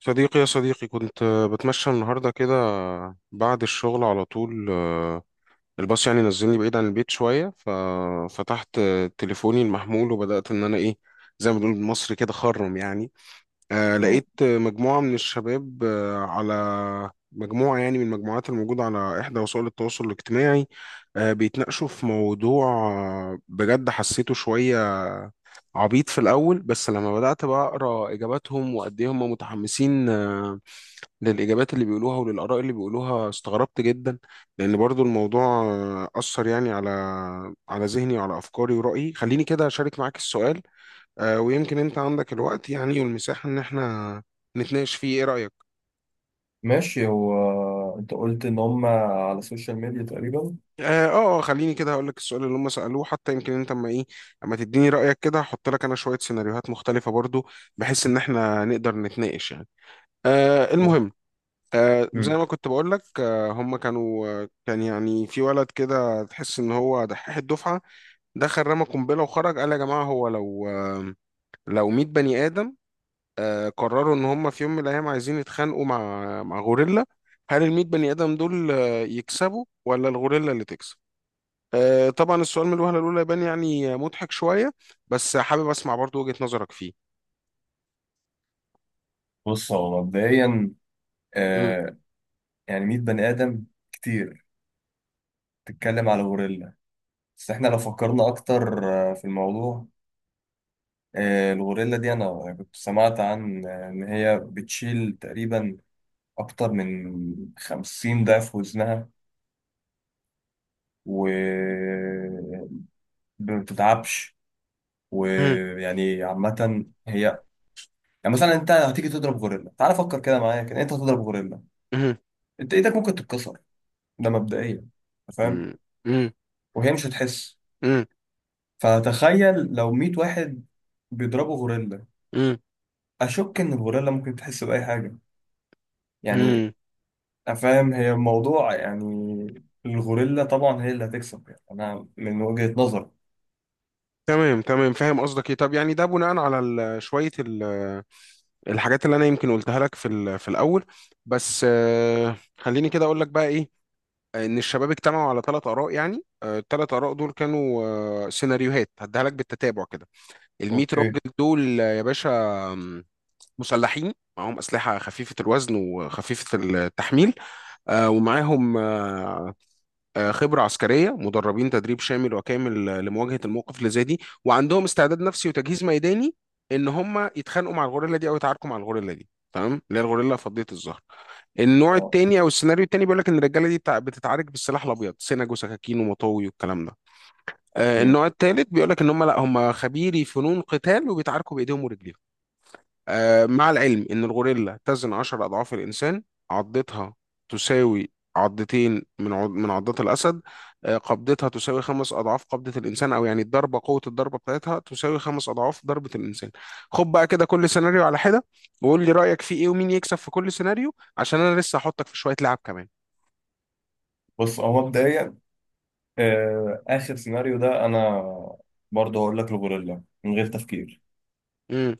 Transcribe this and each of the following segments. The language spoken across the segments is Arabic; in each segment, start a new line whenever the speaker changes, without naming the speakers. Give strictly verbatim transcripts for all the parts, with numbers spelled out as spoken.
صديقي يا صديقي كنت آه، بتمشى النهاردة كده بعد الشغل على طول. آه، الباص يعني نزلني بعيد عن البيت شوية، ففتحت آه، تليفوني المحمول وبدأت إن أنا إيه، زي ما بنقول بالمصري كده، خرم يعني. آه،
اه
لقيت آه، مجموعة من الشباب آه، على مجموعة يعني من المجموعات الموجودة على إحدى وسائل التواصل الاجتماعي، آه، بيتناقشوا في موضوع آه، بجد حسيته شوية عبيط في الأول. بس لما بدأت بقى أقرأ إجاباتهم وقد إيه هم متحمسين آه، للإجابات اللي بيقولوها وللآراء اللي بيقولوها، استغربت جدا. لأن برضو الموضوع آه، أثر يعني على على ذهني وعلى أفكاري ورأيي. خليني كده أشارك معاك السؤال، آه، ويمكن أنت عندك الوقت يعني والمساحة إن إحنا نتناقش فيه. إيه رأيك؟
ماشي، هو انت قلت ان هم على السوشيال ميديا تقريبا.
آه آه آه، خليني كده هقول لك السؤال اللي هم سألوه، حتى يمكن أنت أما إيه، أما تديني رأيك كده، هحط لك أنا شوية سيناريوهات مختلفة برضو، بحيث إن إحنا نقدر نتناقش يعني. آه
صح.
المهم، آه زي
مم.
ما كنت بقول لك، آه هم كانوا، آه كان يعني في ولد كده تحس ان هو دحيح الدفعه، دخل رمى قنبله وخرج، قال يا جماعه هو لو آه لو مية بني ادم آه قرروا ان هم في يوم من الايام عايزين يتخانقوا مع مع غوريلا، هل ال المية بني ادم دول آه يكسبوا ولا الغوريلا اللي تكسب؟ آه طبعا السؤال من الوهله الاولى يبان يعني آه، مضحك شويه، بس حابب اسمع برضو وجهه نظرك فيه.
بص هو مبدئيا،
مم.
آه يعني مية بني ادم كتير، تتكلم على غوريلا، بس احنا لو فكرنا اكتر آه في الموضوع. آه الغوريلا دي انا يعني كنت سمعت عن آه، ان هي بتشيل تقريبا اكتر من خمسين ضعف وزنها و آه، ما بتتعبش.
مم.
ويعني عامة هي، يعني مثلا انت هتيجي تضرب غوريلا، تعال فكر كده معايا، كده انت هتضرب غوريلا،
مم.
انت ايدك ممكن تتكسر، ده مبدئيا، انت فاهم.
مم. مم.
وهي مش هتحس. فتخيل لو مية واحد بيضربوا غوريلا،
مم.
اشك ان الغوريلا ممكن تحس باي حاجه يعني.
مم.
افهم هي الموضوع يعني، الغوريلا طبعا هي اللي هتكسب يعني، انا من وجهة نظري.
تمام تمام، فاهم قصدك ايه. طب يعني ده بناء على ال- شويه ال- الحاجات اللي انا يمكن قلتها لك في ال- في الاول. بس آه، خليني كده اقول لك بقى ايه. آه، ان الشباب اجتمعوا على ثلاث اراء، يعني الثلاث اراء دول كانوا آه، سيناريوهات هديها لك بالتتابع كده. ال المية
اوكي.
راجل دول آه، يا باشا، آم، مسلحين معاهم اسلحه خفيفه الوزن وخفيفه التحميل، آه، ومعاهم آه، آه، خبرة عسكرية، مدربين تدريب شامل وكامل آه، لمواجهة الموقف اللي زي دي، وعندهم استعداد نفسي وتجهيز ميداني ان هم يتخانقوا مع الغوريلا دي او يتعاركوا مع الغوريلا دي، تمام، اللي هي الغوريلا فضية الظهر. النوع
اه،
التاني او السيناريو التاني بيقول لك ان الرجاله دي بتاع- بتتعارك بالسلاح الابيض، سنج وسكاكين ومطاوي والكلام ده. آه،
اوكي
النوع التالت بيقول لك ان هم لا، هم خبيري فنون قتال وبيتعاركوا بايديهم ورجليهم. آه، مع العلم إن الغوريلا تزن عشر أضعاف الإنسان، عضتها تساوي عضتين من عض... من عضات الأسد، آه، قبضتها تساوي خمس أضعاف قبضة الإنسان، أو يعني الضربة، قوة الضربة بتاعتها تساوي خمس أضعاف ضربة الإنسان. خد بقى كده كل سيناريو على حدة وقول لي رأيك فيه إيه ومين يكسب في كل سيناريو، عشان أنا لسه هحطك في شوية لعب كمان.
بص هو مبدئيا، آه، اخر سيناريو ده انا برضه هقول لك الغوريلا من غير تفكير.
امم.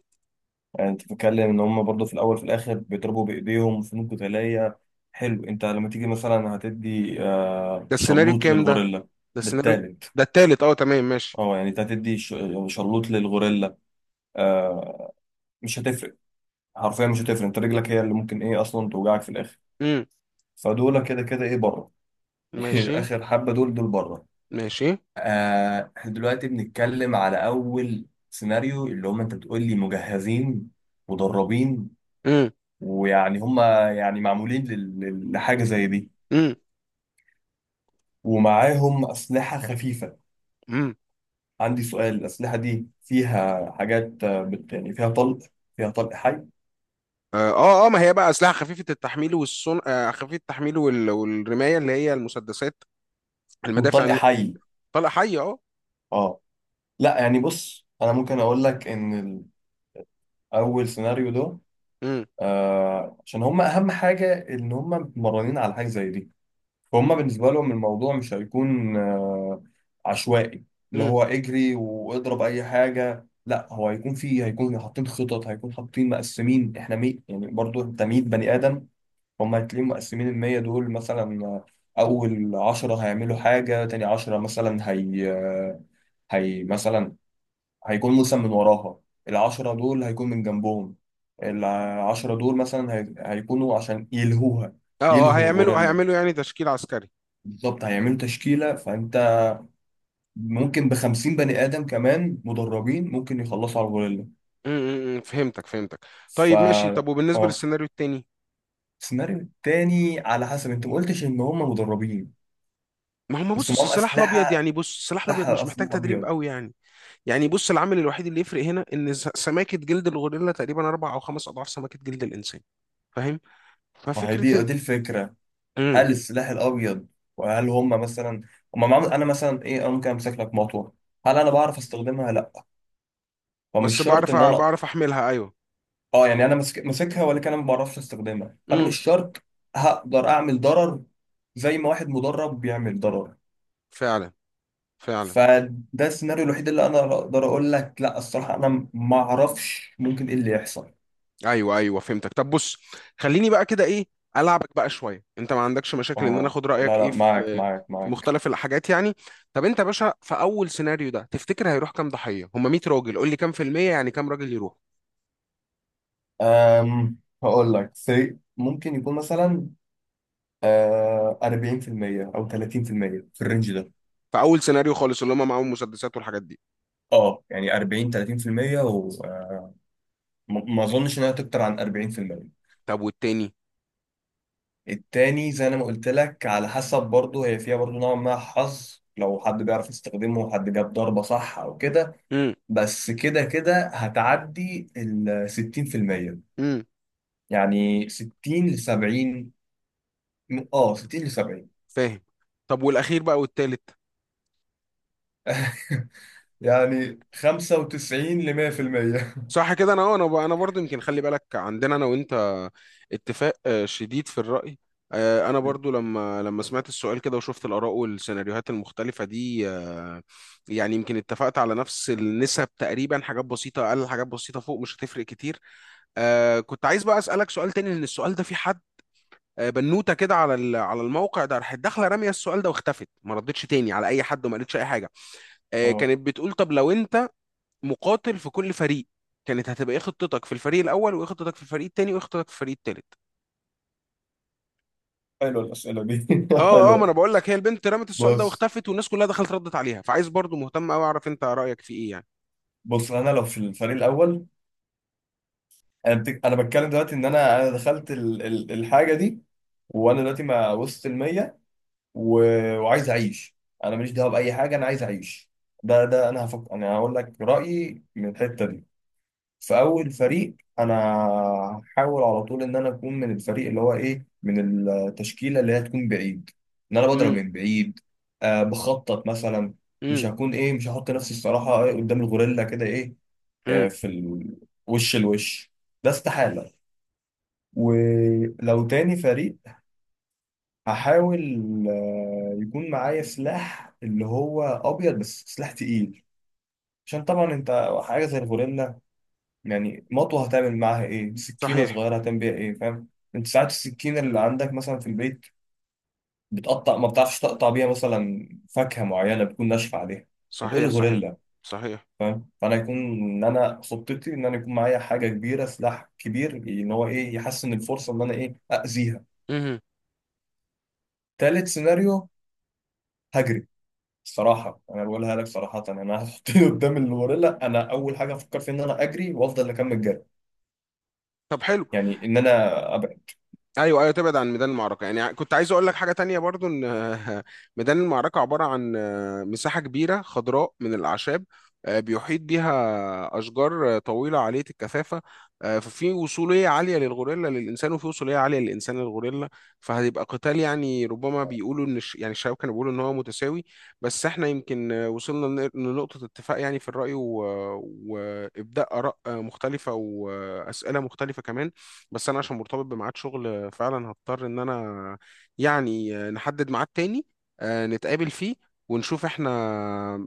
يعني انت بتتكلم ان هم برضه في الاول في الاخر بيضربوا بايديهم فنون قتاليه، حلو، انت لما تيجي مثلا هتدي آه،
ده السيناريو
شلوط
الكام ده؟
للغوريلا.
ده
ده
السيناريو.
التالت.
ده التالت. أه تمام ماشي.
اه، يعني انت هتدي ش- شلوط للغوريلا، آه، مش هتفرق، حرفيا مش هتفرق، انت رجلك هي اللي ممكن ايه اصلا توجعك في الاخر.
امم.
فدول كده كده ايه بره.
ماشي.
اخر حبه دول دول بره.
ماشي.
آه، احنا دلوقتي بنتكلم على اول سيناريو، اللي هم انت بتقول لي مجهزين مدربين،
امم.
ويعني هم يعني معمولين لل- لل- لحاجة زي دي، ومعاهم أسلحة خفيفة.
امم.
عندي سؤال، الأسلحة دي فيها حاجات آه، بت يعني فيها طلق، فيها طلق حي؟
اه اه آه، ما هي بقى اسلحه خفيفه التحميل، والصن آه خفيفه التحميل وال... والرمايه، اللي هي المسدسات، المدافع
وطلق
الن-
حي.
طلقه حيه، اه.
اه، لا يعني بص أنا ممكن أقول لك إن ال- أول سيناريو ده
امم.
آه عشان هم أهم حاجة إن هم متمرنين على حاجة زي دي، فهم بالنسبة لهم الموضوع مش هيكون آه، عشوائي، اللي
امم.
هو اجري واضرب اي حاجة، لا هو هيكون فيه، هيكون حاطين خطط، هيكون حاطين مقسمين. احنا مي يعني برضو انت مائة بني ادم، هم هتلاقيهم مقسمين، ال مية دول مثلا، آه، اول عشرة هيعملوا حاجة، تاني عشرة مثلا هي آه، هي مثلا هيكون مثلا من وراها، العشرة دول هيكون من جنبهم، العشرة دول مثلا هي- هيكونوا عشان يلهوها،
اه اه،
يلهوا
هيعملوا
الغوريلا.
هيعملوا يعني تشكيل عسكري.
بالظبط هيعملوا تشكيلة، فأنت ممكن بخمسين بني آدم كمان مدربين ممكن يخلصوا على الغوريلا.
امم. أمم، فهمتك فهمتك
فا
طيب ماشي. طب وبالنسبه
اه
للسيناريو التاني؟
السيناريو التاني، على حسب أنت ما قلتش إن هم مدربين،
ما هم،
بس
بص، أصل
معاهم
السلاح الابيض
أسلحة
يعني، بص، السلاح الابيض
أسلحة
مش محتاج
أسلحة
تدريب
أبيض.
قوي يعني. يعني بص، العامل الوحيد اللي يفرق هنا ان س- سماكه جلد الغوريلا تقريبا اربع او خمس اضعاف سماكه جلد الانسان، فاهم؟
ما هي
ففكره
دي
ان
دي الفكرة،
امم
هل السلاح الأبيض، وهل هم مثلا، هم معاهم، أنا مثلا إيه، أنا ممكن أمسك لك مطوة، هل أنا بعرف أستخدمها؟ لأ.
بس
فمش شرط
بعرف
إن
أ-
أنا
بعرف احملها، ايوه.
اه يعني انا ماسك- ماسكها، ولكن انا ما بعرفش استخدمها، فانا
امم.
مش شرط هقدر اعمل ضرر زي ما واحد مدرب بيعمل ضرر.
فعلا. فعلا.
فده السيناريو الوحيد اللي انا اقدر اقول لك لا، الصراحه انا ما اعرفش ممكن ايه اللي يحصل.
ايوه ايوه فهمتك. طب بص، خليني بقى كده ايه، العبك بقى شويه. انت ما عندكش مشاكل ان انا
اه،
اخد رايك
لا لا،
ايه
معاك
في
معاك
في
معاك.
مختلف الحاجات يعني؟ طب انت يا باشا في اول سيناريو ده، تفتكر هيروح كام ضحيه؟ هم مية راجل، قول لي كام في الميه يعني، كام راجل يروح؟
أم هقول لك سي ممكن يكون مثلا، آه، أربعين في المية او تلاتين في المية في المية، في الرينج ده.
في اول سيناريو خالص اللي هم معاهم مسدسات والحاجات دي.
اه يعني أربعين، تلاتين في المية، وما اظنش انها تكتر عن أربعين في المية.
طب والتاني؟
التاني زي انا ما قلت لك، على حسب برضه، هي فيها برضه نوع ما، حظ، لو حد بيعرف يستخدمه وحد جاب ضربة صح او كده،
امم.
بس كده كده هتعدي ال ستين في المية.
امم.
يعني ستين ل سبعين، اه ستين ل سبعين.
فاهم. طب والاخير بقى، والتالت؟
يعني خمسة وتسعين ل مية في المية.
صح كده. انا اه انا ب- انا برضو يمكن، خلي بالك عندنا انا وانت اتفاق آه، شديد في الرأي. آه، انا برضو لما لما سمعت السؤال كده وشفت الاراء والسيناريوهات المختلفة دي، آه، يعني يمكن اتفقت على نفس النسب تقريبا، حاجات بسيطة اقل، حاجات بسيطة فوق، مش هتفرق كتير. آه، كنت عايز بقى اسالك سؤال تاني، لان السؤال ده في حد، آه، بنوتة كده، على ال- على الموقع ده، راحت داخلة رامية السؤال ده واختفت، ما ردتش تاني على اي حد وما قالتش اي حاجة. آه،
اه
كانت بتقول طب لو انت مقاتل في كل فريق، كانت هتبقى ايه خطتك في الفريق الاول، وايه خطتك في الفريق التاني، وايه خطتك في الفريق التالت؟
حلوه الأسئلة دي.
اه اه، ما انا
حلوه.
بقول لك، هي البنت رمت السؤال ده
بص
واختفت، والناس كلها دخلت ردت عليها، فعايز برضو، مهتم قوي اعرف انت رايك في ايه يعني.
بص انا لو في الفريق الاول، انا بتك... انا بتكلم دلوقتي ان انا انا دخلت ال... ال... الحاجه دي، وانا دلوقتي ما وصلت ال مية، و... وعايز اعيش، انا ماليش دعوه باي حاجه، انا عايز اعيش. ده ده انا هفك... انا هقول لك رايي من الحته دي. في اول فريق انا هحاول على طول ان انا اكون من الفريق اللي هو ايه، من التشكيله اللي هي تكون بعيد، ان انا بضرب
امم.
من بعيد، آه بخطط مثلا. مش
امم.
هكون ايه، مش هحط نفسي الصراحه إيه قدام الغوريلا كده ايه، آه
امم.
في ال... وش الوش، ده استحاله. ولو تاني فريق هحاول آه، يكون معايا سلاح اللي هو ابيض بس سلاح تقيل، عشان طبعا انت حاجه زي الغوريلا يعني، مطوه هتعمل معاها ايه، سكينه
صحيح.
صغيره هتعمل بيها ايه، فاهم؟ انت ساعات السكينه اللي عندك مثلا في البيت بتقطع، ما بتعرفش تقطع بيها مثلا فاكهه معينه بتكون ناشفه عليها، فتقول
صحيح. صحيح.
غوريلا،
صحيح.
فاهم. فانا يكون ان انا خطتي ان انا يكون معايا حاجه كبيره، سلاح كبير ان هو ايه يحسن الفرصه ان انا ايه اذيها.
امم.
تالت سيناريو هجري. صراحة أنا بقولها لك صراحة، أنا هتحطني قدام الغوريلا، أنا أول حاجة أفكر فيها إن أنا أجري وأفضل أكمل جري،
طب حلو.
يعني إن أنا أبعد.
ايوه ايوه تبعد عن ميدان المعركه يعني. كنت عايز اقول لك حاجه تانية برضو ان ميدان المعركه عباره عن آه، مساحه كبيره خضراء من الاعشاب، آه، بيحيط بيها اشجار آه، طويله عاليه الكثافه. آه، ففي وصوليه عاليه للغوريلا للانسان، وفي وصوليه عاليه للانسان للغوريلا، فهيبقى قتال يعني. ربما بيقولوا ان الش- يعني الشباب كانوا بيقولوا ان هو متساوي، بس احنا يمكن آه، وصلنا لن- لنقطه اتفاق يعني في الراي و- وابداء اراء آه، مختلفه واسئله مختلفه كمان. بس انا عشان مرتبط بميعاد شغل فعلا، هضطر ان انا يعني نحدد ميعاد تاني آه، نتقابل فيه، ونشوف احنا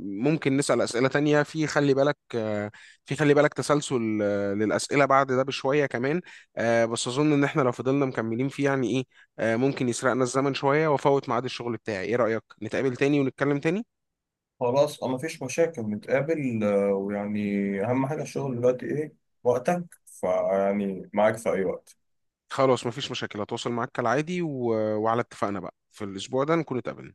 ممكن نسأل أسئلة تانية. في خلي بالك آه، في خلي بالك تسلسل آه، للأسئلة بعد ده بشوية كمان، آه، بس أظن إن احنا لو فضلنا مكملين فيه يعني إيه، آه، ممكن يسرقنا الزمن شوية وأفوت ميعاد الشغل بتاعي. إيه رأيك نتقابل تاني ونتكلم تاني؟
خلاص أه مفيش مشاكل، نتقابل آه، ويعني، أهم حاجة الشغل دلوقتي إيه، وقتك فيعني معاك في أي وقت
خلاص مفيش مشاكل، هتواصل معاك كالعادي، و... وعلى اتفاقنا بقى في الأسبوع ده نكون اتقابلنا.